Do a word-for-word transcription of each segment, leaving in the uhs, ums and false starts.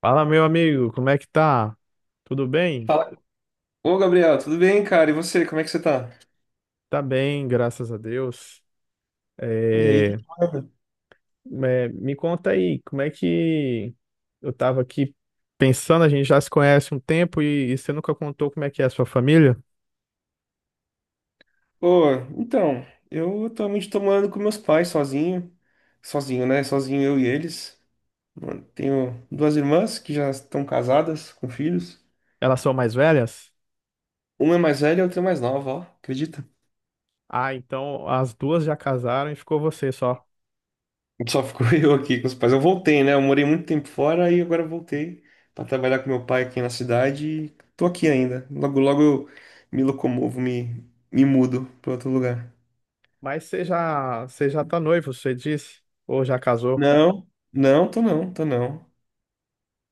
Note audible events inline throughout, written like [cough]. Fala, meu amigo, como é que tá? Tudo bem? Fala. Ô, Gabriel, tudo bem, cara? E você, como é que você tá? Tá bem, graças a Deus. E aí, que É, que manda? é, me conta aí, como é que eu tava aqui pensando, a gente já se conhece um tempo e, e você nunca contou como é que é a sua família? Ô, então, eu atualmente tô morando com meus pais sozinho. Sozinho, né? Sozinho eu e eles. Mano, tenho duas irmãs que já estão casadas, com filhos. Elas são mais velhas? Uma é mais velha e a outra é mais nova, ó. Acredita? Ah, então as duas já casaram e ficou você só. Só ficou [laughs] eu aqui com os pais. Eu voltei, né? Eu morei muito tempo fora e agora eu voltei pra trabalhar com meu pai aqui na cidade e tô aqui ainda. Logo, logo eu me locomovo, me, me mudo pra outro lugar. Mas você já, você já tá noivo, você disse? Ou já casou? Não, não, tô não, tô não.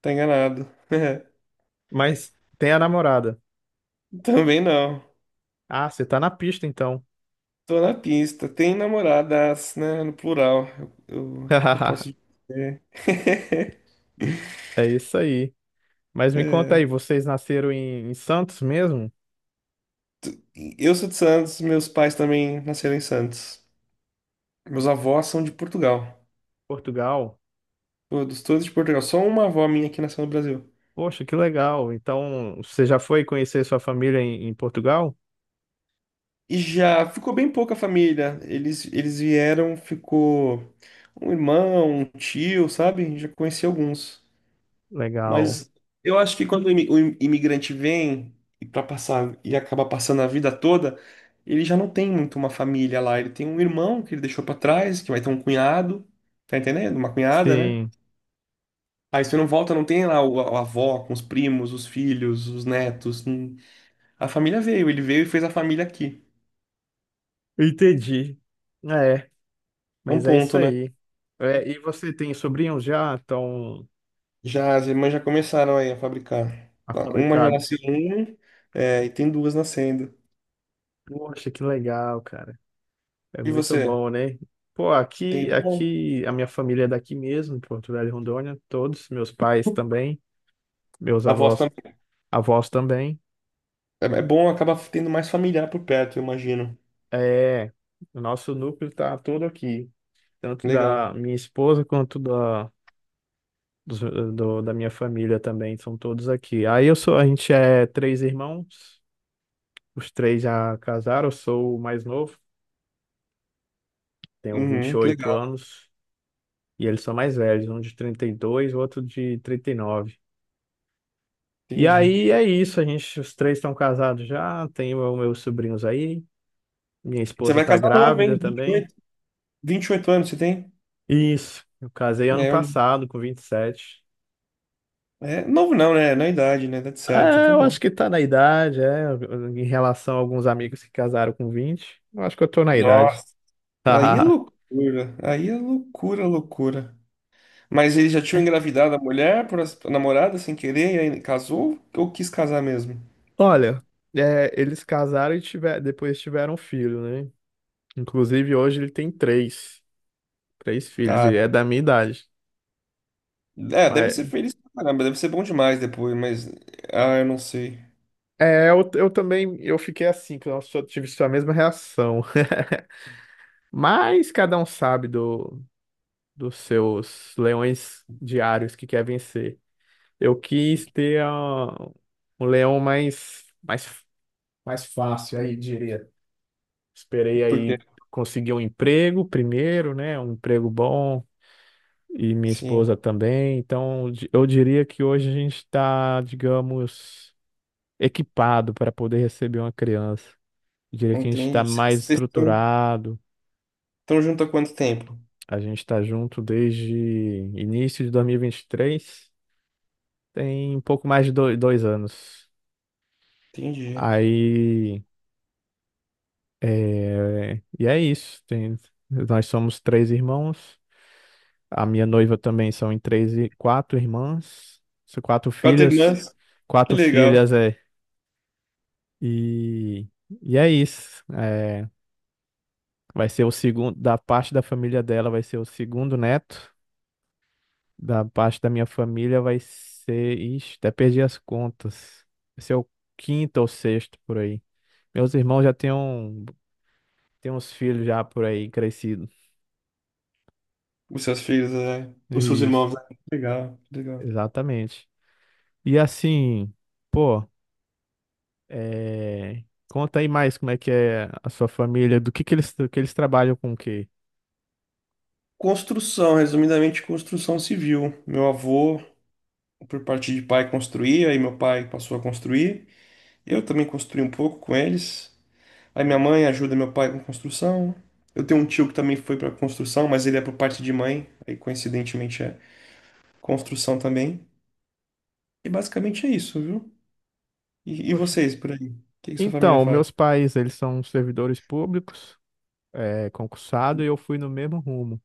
Tá enganado. [laughs] Mas tem a namorada. Também não. Ah, você tá na pista então. Tô na pista. Tem namoradas, né? No plural. Eu, eu, eu posso [laughs] dizer. [laughs] É isso aí. Mas me conta É. aí, vocês nasceram em, em Santos mesmo? Eu sou de Santos, meus pais também nasceram em Santos. Meus avós são de Portugal. Portugal? Todos, todos de Portugal. Só uma avó minha que nasceu no Brasil. Poxa, que legal. Então, você já foi conhecer sua família em, em Portugal? E já ficou bem pouca família. Eles, eles vieram, ficou um irmão, um tio, sabe? Já conheci alguns. Legal. Mas eu acho que quando o imi- o im- imigrante vem e para passar e acaba passando a vida toda, ele já não tem muito uma família lá. Ele tem um irmão que ele deixou para trás, que vai ter um cunhado, tá entendendo? Uma cunhada, né? Sim, Aí você não volta, não tem lá o, a avó com os primos, os filhos, os netos. Hum. A família veio, ele veio e fez a família aqui. entendi. É, É um mas é isso ponto, né? aí. É, e você tem sobrinhos já? Estão Já as irmãs já começaram aí a fabricar. Tá. Uma já fabricados? nasceu um, é, e tem duas nascendo. Poxa, que legal, cara. É E muito você? bom, né? Pô, Tem aqui, irmão? aqui, a minha família é daqui mesmo, de Porto Velho e Rondônia, todos, meus pais também, meus A voz avós, avós também. É, é bom, acaba tendo mais familiar por perto, eu imagino. É, o nosso núcleo tá todo aqui, tanto Legal. da minha esposa quanto da, dos- do- da minha família também, são todos aqui. Aí eu sou, a gente é três irmãos, os três já casaram, eu sou o mais novo, tenho vinte e Uhum, que oito legal, anos, e eles são mais velhos, um de trinta e dois, o outro de trinta e nove. E entendi. aí é isso, a gente, os três estão casados já, tenho meus sobrinhos aí, minha Você esposa vai tá casar novo, grávida hein? vinte e também. oito vinte e oito anos você tem? Isso, eu casei ano É, eu- passado, com vinte e sete. é, novo não, né? Na idade, né? Tá certo, É, tá eu bom. acho que tá na idade, é. Em relação a alguns amigos que casaram com vinte, eu acho que eu tô na idade. Nossa, aí é [laughs] loucura. Aí é loucura, loucura. Mas ele já tinha engravidado a mulher por as- a namorada sem querer, e aí casou ou quis casar mesmo? Olha, é, eles casaram e tiver, depois tiveram um filho, né? Inclusive, hoje ele tem três. Três filhos, e é Cara, da minha idade. é, deve ser Mas feliz pra caramba, deve ser bom demais depois, mas. Ah, eu não sei. é, eu, eu também eu fiquei assim, que eu só tive a mesma reação. [laughs] Mas cada um sabe do, dos seus leões diários que quer vencer. Eu quis ter ah, um leão mais, mais mais fácil aí, diria. Esperei Por quê? aí conseguir um emprego primeiro, né? Um emprego bom e minha Sim, esposa também. Então, di- eu diria que hoje a gente está, digamos, equipado para poder receber uma criança. Eu diria que a gente está entendi. mais Vocês estruturado, estão junto há quanto tempo? a gente está junto desde início de dois mil e e vinte e três, tem um pouco mais de do- dois anos. Entendi. Aí, é... e é isso. Tem... Nós somos três irmãos. A minha noiva também são em três e quatro irmãs, são quatro Quatro filhas, irmãs? Que quatro legal. filhas é. E, e é isso. É, vai ser o segundo da parte da família dela, vai ser o segundo neto, da parte da minha família vai ser, ixi, até perdi as contas. Vai ser o quinto ou sexto por aí. Meus irmãos já têm um, têm uns filhos já por aí crescidos. Os seus filhos, é. Os seus Isso, irmãos, né? Legal, legal. exatamente. E assim, pô, é, conta aí mais como é que é a sua família, do que que eles, do que eles trabalham com o quê? Construção, resumidamente, construção civil. Meu avô, por parte de pai, construía, aí meu pai passou a construir. Eu também construí um pouco com eles. Aí minha Sim. mãe ajuda meu pai com construção. Eu tenho um tio que também foi para construção, mas ele é por parte de mãe, aí coincidentemente é construção também. E basicamente é isso, viu? E, e Poxa. vocês por aí? O que que sua família Então, faz? meus pais, eles são servidores públicos, é, concursado, e eu fui no mesmo rumo.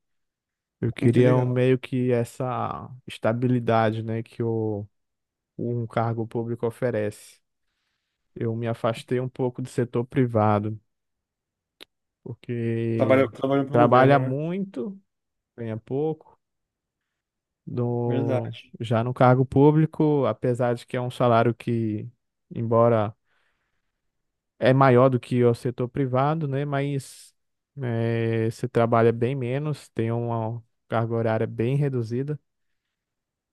Eu Hum, Que queria um, legal. meio que essa estabilidade, né, que o, um cargo público oferece. Eu me afastei um pouco do setor privado, Trabalhou, porque trabalhou para o trabalha governo, né? muito, ganha pouco, do Verdade. já no cargo público, apesar de que é um salário que, embora é maior do que o setor privado, né, mas eh, você trabalha bem menos, tem uma carga horária bem reduzida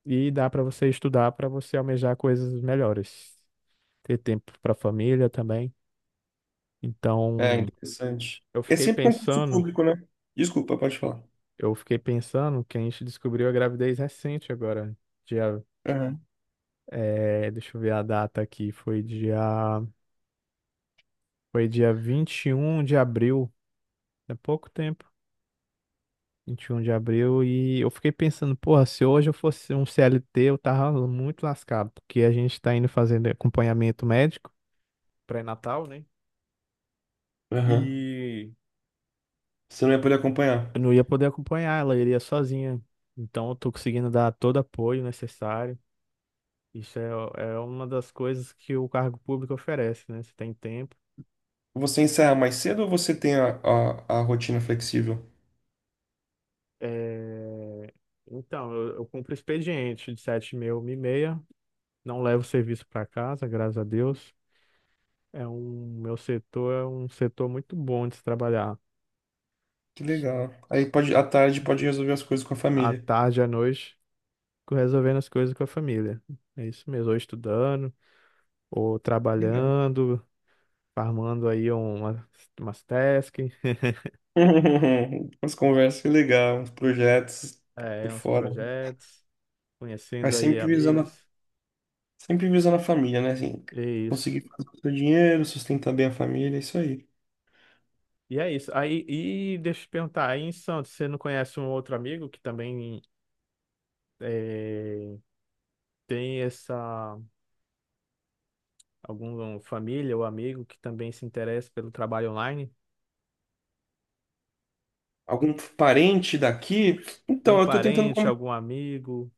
e dá para você estudar, para você almejar coisas melhores, ter tempo para a família também. É, Então, interessante. eu É fiquei sempre concurso pensando, público, né? Desculpa, pode falar. eu fiquei pensando que a gente descobriu a gravidez recente agora, dia, Aham. eh, deixa eu ver a data aqui, foi dia foi dia vinte e um de abril, é pouco tempo. Vinte e um de abril, e eu fiquei pensando, porra, se hoje eu fosse um C L T, eu tava muito lascado, porque a gente tá indo fazendo acompanhamento médico pré-natal, né? Aham. E Você não ia poder acompanhar. eu não ia poder acompanhar, ela iria sozinha. Então eu tô conseguindo dar todo apoio necessário. Isso é, é uma das coisas que o cargo público oferece, né? Você tem tempo. Você encerra mais cedo ou você tem a, a, a rotina flexível? É, então, eu, eu cumpro expediente de sete e trinta, não levo serviço para casa, graças a Deus. É um, meu setor é um setor muito bom de se trabalhar. Que legal. Aí pode, à tarde pode resolver as coisas com a À família. tarde, à noite, resolvendo as coisas com a família. É isso mesmo, ou estudando, ou Que legal. trabalhando, farmando aí uma, umas tasks, [laughs] As conversas, que legal. Os projetos [laughs] por é, uns fora. projetos, Mas conhecendo aí sempre visando, a- amigos. sempre visando a família, né? Assim, É isso. conseguir fazer o seu dinheiro, sustentar bem a família, é isso aí. E é isso. Aí, e deixa eu te perguntar, aí em Santos, você não conhece um outro amigo que também eh, tem essa. Alguma família ou amigo que também se interessa pelo trabalho online? Algum parente daqui? Algum Então, eu tô tentando parente, convencer algum amigo?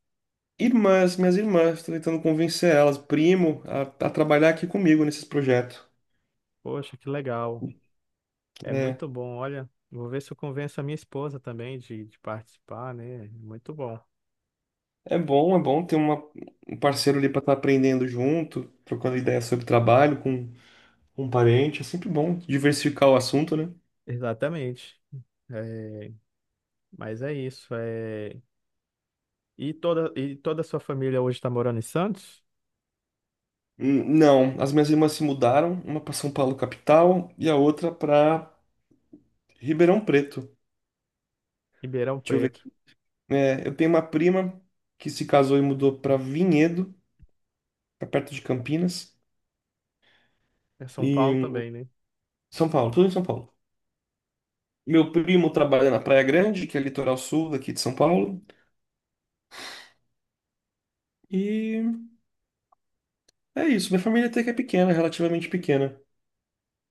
irmãs, minhas irmãs, tô tentando convencer elas, primo, a, a trabalhar aqui comigo nesses projetos. Poxa, que legal. É É, muito bom. Olha, vou ver se eu convenço a minha esposa também de, de participar, né? Muito bom. é bom, é bom ter uma, um parceiro ali para estar aprendendo junto, trocando ideias sobre trabalho com um parente. É sempre bom diversificar o assunto, né? Exatamente. É, mas é isso. É... E toda, e toda a sua família hoje está morando em Santos? Hum, não, as minhas irmãs se mudaram, uma para São Paulo capital e a outra para Ribeirão Preto. Ribeirão Deixa eu ver Preto. aqui. É, eu tenho uma prima que se casou e mudou para Vinhedo, tá perto de Campinas. É São Paulo E também, né? São Paulo, tudo em São Paulo. Meu primo trabalha na Praia Grande, que é litoral sul daqui de São Paulo. E é isso. Minha família até que é pequena, relativamente pequena.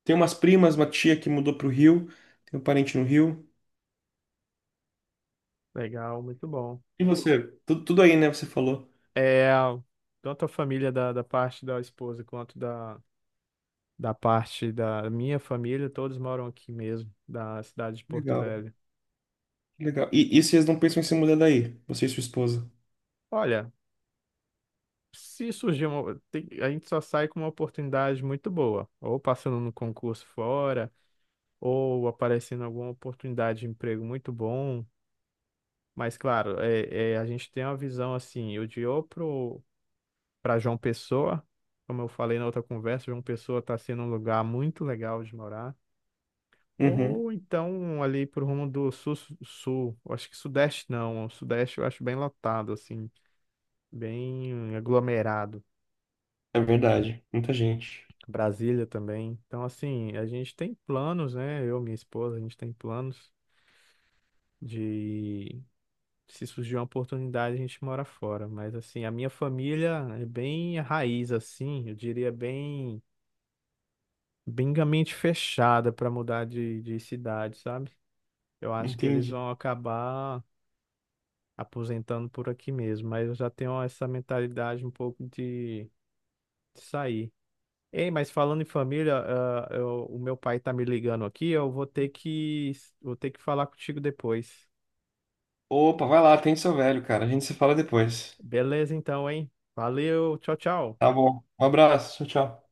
Tem umas primas, uma tia que mudou pro Rio. Tem um parente no Rio. Legal, muito bom. E você? Tudo, tudo aí, né? Você falou. É, tanto a família da, da parte da esposa quanto da, da parte da minha família, todos moram aqui mesmo, da cidade de Porto Legal, Velho. legal. E, e vocês não pensam em se mudar daí? Você e sua esposa? Olha, se surgir uma, tem- a gente só sai com uma oportunidade muito boa, ou passando no concurso fora, ou aparecendo alguma oportunidade de emprego muito bom. Mas claro, é, é, a gente tem uma visão assim, eu de ou pro para João Pessoa, como eu falei na outra conversa, João Pessoa está sendo um lugar muito legal de morar. Uhum, Ou então ali pro rumo do sul, sul, eu acho que sudeste não, o sudeste eu acho bem lotado, assim, bem aglomerado. é verdade. Muita gente. Brasília também. Então, assim, a gente tem planos, né? Eu, minha esposa, a gente tem planos de, se surgir uma oportunidade, a gente mora fora. Mas, assim, a minha família é bem raiz, assim, eu diria bem, bem mente fechada para mudar de, de cidade, sabe? Eu acho que eles Entendi. vão acabar aposentando por aqui mesmo, mas eu já tenho essa mentalidade um pouco de, de sair. Ei, mas falando em família, ah, eu- o meu pai tá me ligando aqui, eu vou ter que, vou ter que falar contigo depois. Opa, vai lá, atende seu velho, cara. A gente se fala depois. Beleza, então, hein? Valeu, tchau, tchau. Tá bom. Um abraço. Tchau, tchau.